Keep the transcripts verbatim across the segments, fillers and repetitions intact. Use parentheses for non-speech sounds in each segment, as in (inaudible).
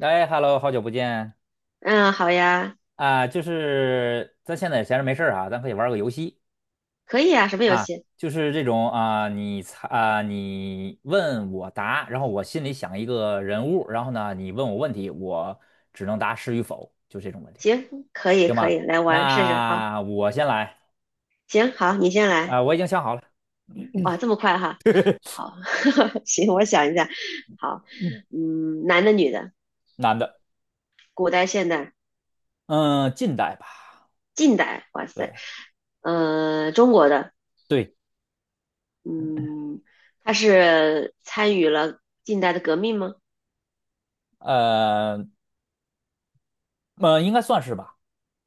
哎，Hello，好久不见嗯，好呀，啊！就是咱现在闲着没事儿啊，咱可以玩个游戏可以啊，什么游啊，戏？就是这种啊，你猜啊，你问我答，然后我心里想一个人物，然后呢，你问我问题，我只能答是与否，就这种问题。行，可以可以，来玩试试。好，那我先来行，好，你先来。啊，我已经想好了。哇，这么快哈？好，(laughs) 行，我想一下。好，嗯，嗯，男的、女的，男的。古代、现代、嗯，近代吧。近代，哇对塞，嗯，中国的，对，嗯，他是参与了近代的革命吗？呃呃，应该算是吧。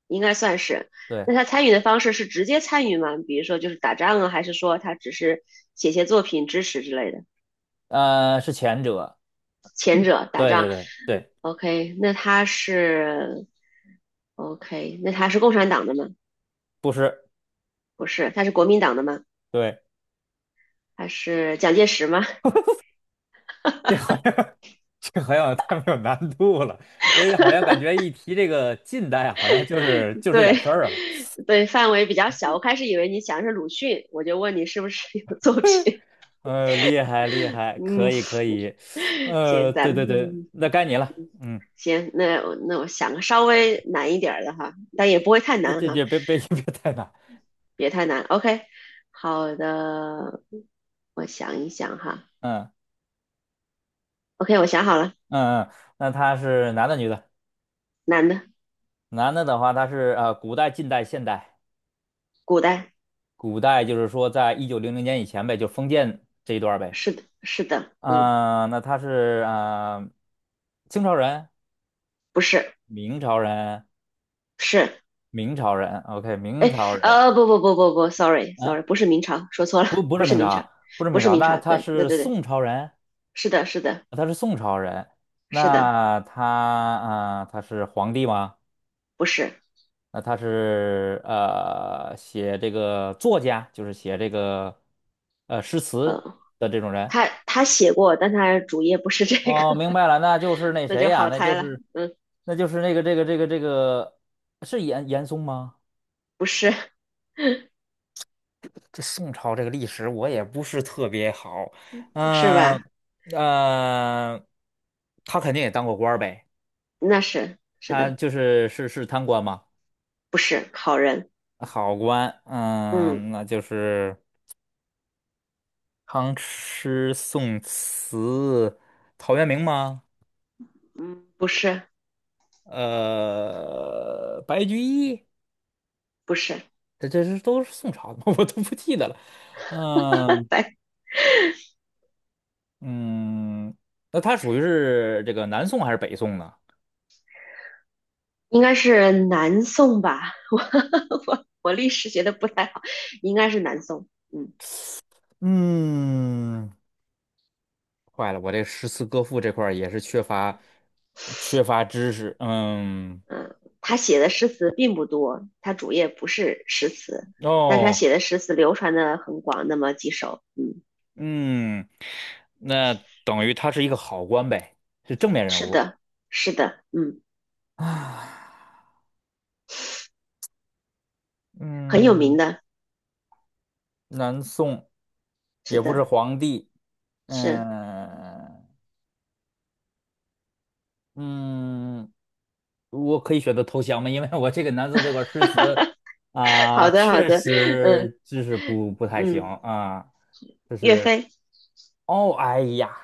应该算是。对。那他参与的方式是直接参与吗？比如说就是打仗啊，还是说他只是写些作品支持之类的？呃，是前者。前者打对对仗。对对。OK，那他是 OK，那他是共产党的吗？不是。不是，他是国民党的吗？对。他是蒋介石吗？这好像太没有难度了。呃，好像感觉一提这个近代啊，好像就是 (laughs) 就这点对，事儿啊。(laughs) 对，范围比较小。我开始以为你想的是鲁迅，我就问你是不是有作品。呃，厉害厉 (laughs) 害，可嗯，以可以。(laughs) 行，呃，咱对们对对，嗯那该你了。嗯，行，那我那我想个稍微难一点儿的哈，但也不会太这难这哈，这别别 (laughs) 别太难。别太难。OK，好的，我想一想哈。嗯 OK，我想好了，嗯嗯。那他是男的女的？男的，男的的话，他是呃古代、近代、现代？古代，古代就是说在一九零零年以前呗，就封建这一段儿呗。是的，是的，嗯，啊、那他是啊、呃清朝人、不是。明朝人、是，明朝人，OK，明朝人。呃，不不不不不，sorry sorry，啊，不是明朝，说错了，不，不不是是明明朝，朝，不是不明是朝，明那朝，他对对是对对，宋朝人。是的是的他是宋朝人。是的，那他啊、呃他是皇帝吗？不是，那他是呃，写这个作家，就是写这个呃诗词嗯，的这种人。他他写过，但他主页不是这哦，个，明白了，那就 (laughs) 是那那谁就呀？好那猜就了，是嗯，那就是那个这个这个这个是严严嵩吗？不是，这宋朝这个历史我也不是特别好。是嗯。吧？呃，他肯定也当过官儿呗。那是是他的，就是是是贪官嘛。不是好人，好官。嗯嗯，那就是康师、宋慈、陶渊明吗？嗯，不是呃，白居易？不是，这这是都是宋朝的吗？(laughs) 我都不记得了。嗯白，嗯。那他属于是这个南宋还是北宋呢？应该是南宋吧，(laughs) 我我我历史学的不太好，应该是南宋，嗯，嗯。坏了，我这诗词歌赋这块儿也是缺乏缺乏知识。嗯。嗯，他写的诗词并不多，他主业不是诗词，但是他哦。写的诗词流传的很广，那么几首，嗯，嗯，那等于他是一个好官呗，是正面人是物的，是的，嗯，啊。很有名嗯，的，南宋是也不是的，皇帝。是，嗯嗯，我可以选择投降吗？因为我这个南宋这块儿诗词 (laughs) 好啊，的，好确的，嗯实知识不不太行嗯，啊。就岳是飞，哦，哎呀。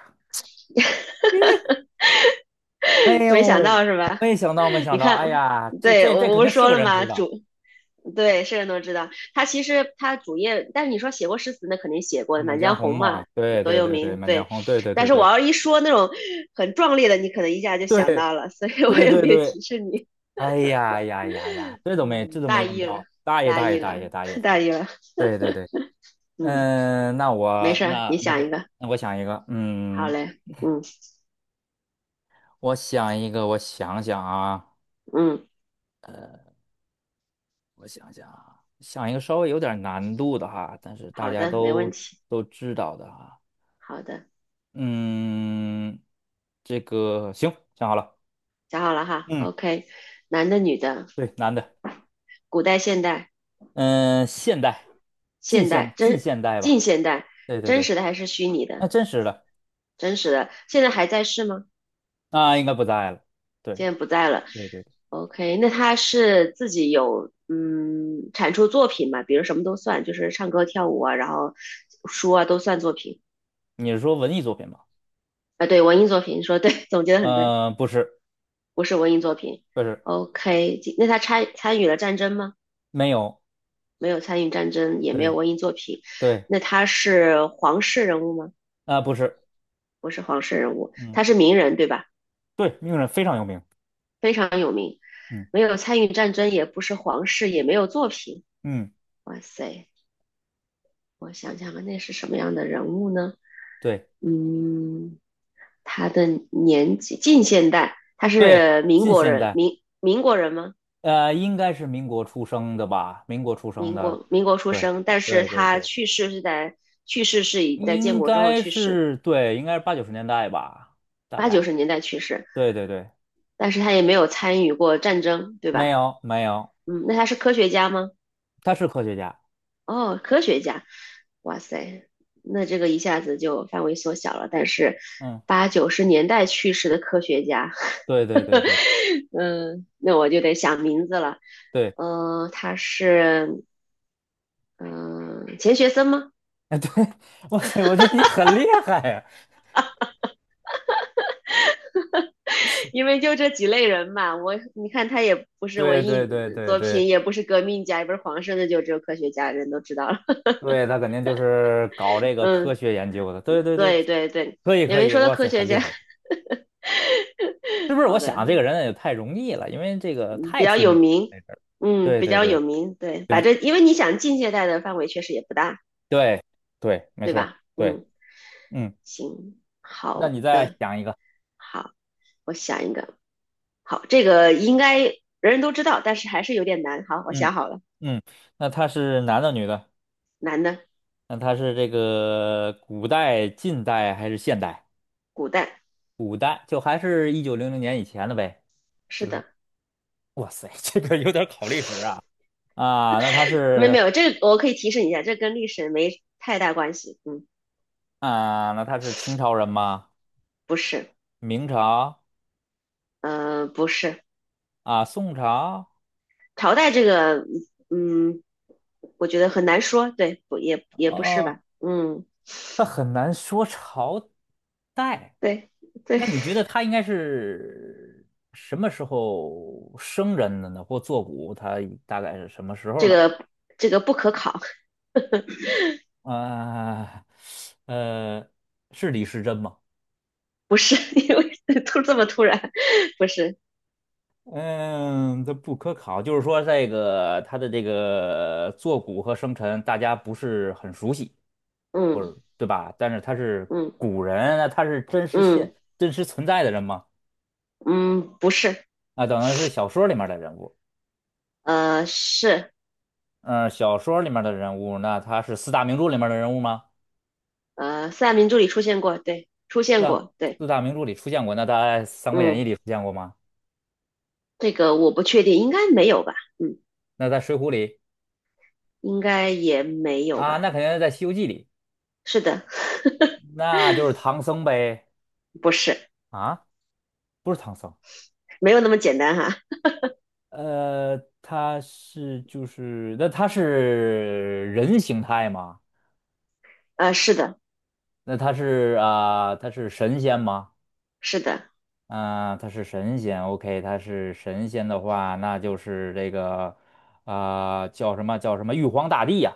哎 (laughs) 没想呦，到是吧？没想到，没 (laughs) 想你到，哎看，呀，这对，这我这我肯不定是是说个了人吗？知道，主对，是人都知道。他其实他主页，但是你说写过诗词，那肯定写过的，《满《满江江红》红》嘛，嘛，对多对有对对，名。《满江对，红》，对对对但是对我要一说那种很壮烈的，你可能一下就对想到了，所以我对也对没有对。提示你。哎呀呀呀呀，(laughs) 这都没这嗯，都没大问意了，到，大爷大大爷意大了，爷大爷 (laughs) 了。大意了。对对对。嗯，嗯，那没我事儿，你那那想个，一个。那我想一个。好嗯，嘞，嗯我想一个。我想想啊，嗯，我想想啊，想一个稍微有点难度的哈，但是大好家的，没问都题。都知道的哈。好的，嗯，这个行，想好了。想好了哈。嗯，OK，男的、女的，对，男的。古代、现代、嗯，现代，近现现代、近真现代吧。近现代，对对真对。实的还是虚拟那的？真实的，真实的，现在还在世吗？那应该不在了。对。现在不在了。对对对。 OK，那他是自己有嗯产出作品嘛？比如什么都算，就是唱歌、跳舞啊，然后书啊都算作品你是说文艺作品吧？啊。对，文艺作品，你说对，(laughs) 总结的很对，呃，不是。不是文艺作品。不是。OK，那他参参与了战争吗？没有。没有参与战争，也没有对。文艺作品。对。那他是皇室人物吗？啊、不是。不是皇室人物，嗯。他是名人对吧？对，名人非常有名。非常有名，嗯没有参与战争，也不是皇室，也没有作品。嗯。哇塞，我想想啊，那是什么样的人物呢？对嗯，他的年纪近现代，他对，是民近国现人，代。民民国人吗？呃，应该是民国出生的吧？民国出生民的。国民国出对生，但是对对他对。去世是在去世是已在建应国之后该去世，是对，应该是八九十年代吧，大八九概。十年代去世，对对对。但是他也没有参与过战争，对没吧？有没有。嗯，那他是科学家吗？他是科学家。哦，科学家，哇塞，那这个一下子就范围缩小了。但是嗯，八九十年代去世的科学家，对对对对 (laughs) 嗯，那我就得想名字了。对。嗯、他是嗯、钱学森吗？哎对。(laughs) 哇塞，我觉得你很厉害呀。(laughs) 因为就这几类人嘛，我你看他也不是对文对艺对对作品，对也不是革命家，也不是皇上的，就只有科学家，人都知道了。对。他肯定就是搞 (laughs) 这个科嗯，学研究的。对对对。对对对，可以因可为以，说到哇科塞，学很厉家，害。是不 (laughs) 是？我好的，想这个人也太容易了，因为这个嗯，比太较出有名了名，这事儿。嗯，对比对较对。有名，对，把行。这，因为你想近现代的范围确实也不大，对对，没对错儿。吧？对。嗯，嗯。行，那好你再的，想一个。好，我想一个，好，这个应该人人都知道，但是还是有点难。好，我嗯。想好了，嗯。那他是男的女的？难的，那他是这个古代、近代还是现代？古代，古代就还是一九零零年以前的呗。是就是，的，哇塞，(laughs) 这个有点考历史啊。啊，那他没有没是有，这个我可以提示你一下，这跟历史没太大关系。嗯，啊，那他是清朝人吗？不是，明朝？呃，不是，啊，宋朝？朝代这个，嗯，我觉得很难说，对，不也也不是哦，吧？嗯，那很难说朝代。对对，那你觉得他应该是什么时候生人的呢？或作古，他大概是什么时候这呢？个这个不可考，啊。呃，是李时珍吗？不是，(laughs) 因为突这么突然，不是，嗯，这不可考，就是说这个他的这个坐骨和生辰，大家不是很熟悉，或嗯者对吧？但是他是嗯古人，那他是真实现、嗯真实存在的人吗？嗯，不是，啊，等于是小说里面的人物。呃，是嗯，小说里面的人物，那他是四大名著里面的人物吗？呃，四大名著里出现过，对，出四现大过，对，四大名著里出现过，那他在《三国演义》嗯，里出现过吗？这个我不确定，应该没有吧，嗯，那在《水浒》里？应该也没有啊，那吧，肯定是在《西游记》里。是的，那就是唐僧呗。不是，啊，不是唐僧。没有那么简单哈，呃，他是就是，那他是人形态吗？呃，是的，那他是啊、他是神仙吗？是的，啊、他是神仙，OK，他是神仙的话，那就是这个啊、叫什么叫什么玉皇大帝呀。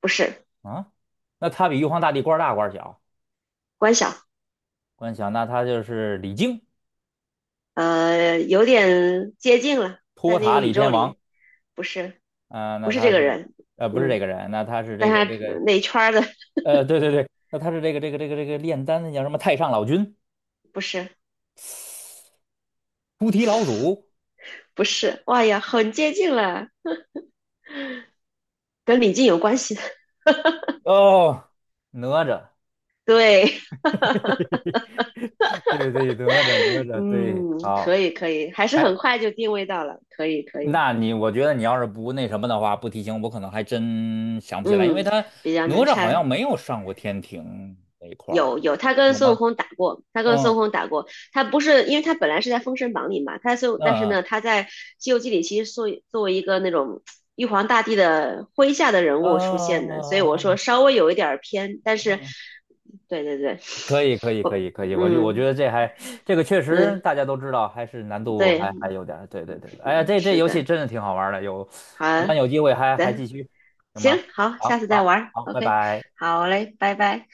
不是，啊？那他比玉皇大帝官儿大官儿小？关晓，官小，那他就是李靖，呃，有点接近了，在托那塔个李宇天宙王？里，不是，啊、不那是这他个是人，呃不是这嗯，个人？那他是这但个他这个那一圈儿的，呃，对对对，那他是这个这个这个这个炼丹的叫什么太上老君、不是，菩提老祖？不是，哇呀，很接近了，跟李靖有关系的，哦，哪吒！对，(laughs) 对对，哪吒哪 (laughs) 吒，对，嗯，可好。以，可以，还是哎，很快就定位到了，可以，可以。那你我觉得你要是不那什么的话，不提醒我，可能还真想不起来，因为嗯，他比较哪难吒好拆。像没有上过天庭那一块儿有的。有，他跟有孙吗？悟空打过，他跟孙嗯悟空打过。他不是，因为他本来是在《封神榜》里嘛，他就嗯但是嗯呢，他在《西游记》里其实作为作为一个那种玉皇大帝的麾下的人嗯物出现的，所以我说嗯稍微有一点儿偏，但嗯是，嗯。对对对，可以，可以，可我以，可以，我就我觉嗯得这还这个确嗯实大家都知道，还是难度还对，还有点儿，对对对，哎呀，这这是游戏的，真的挺好玩儿的，有，好咱有机会还还的，继续，行行吗？好，好，下次再好，玩儿好，拜，OK，拜。好嘞，拜拜。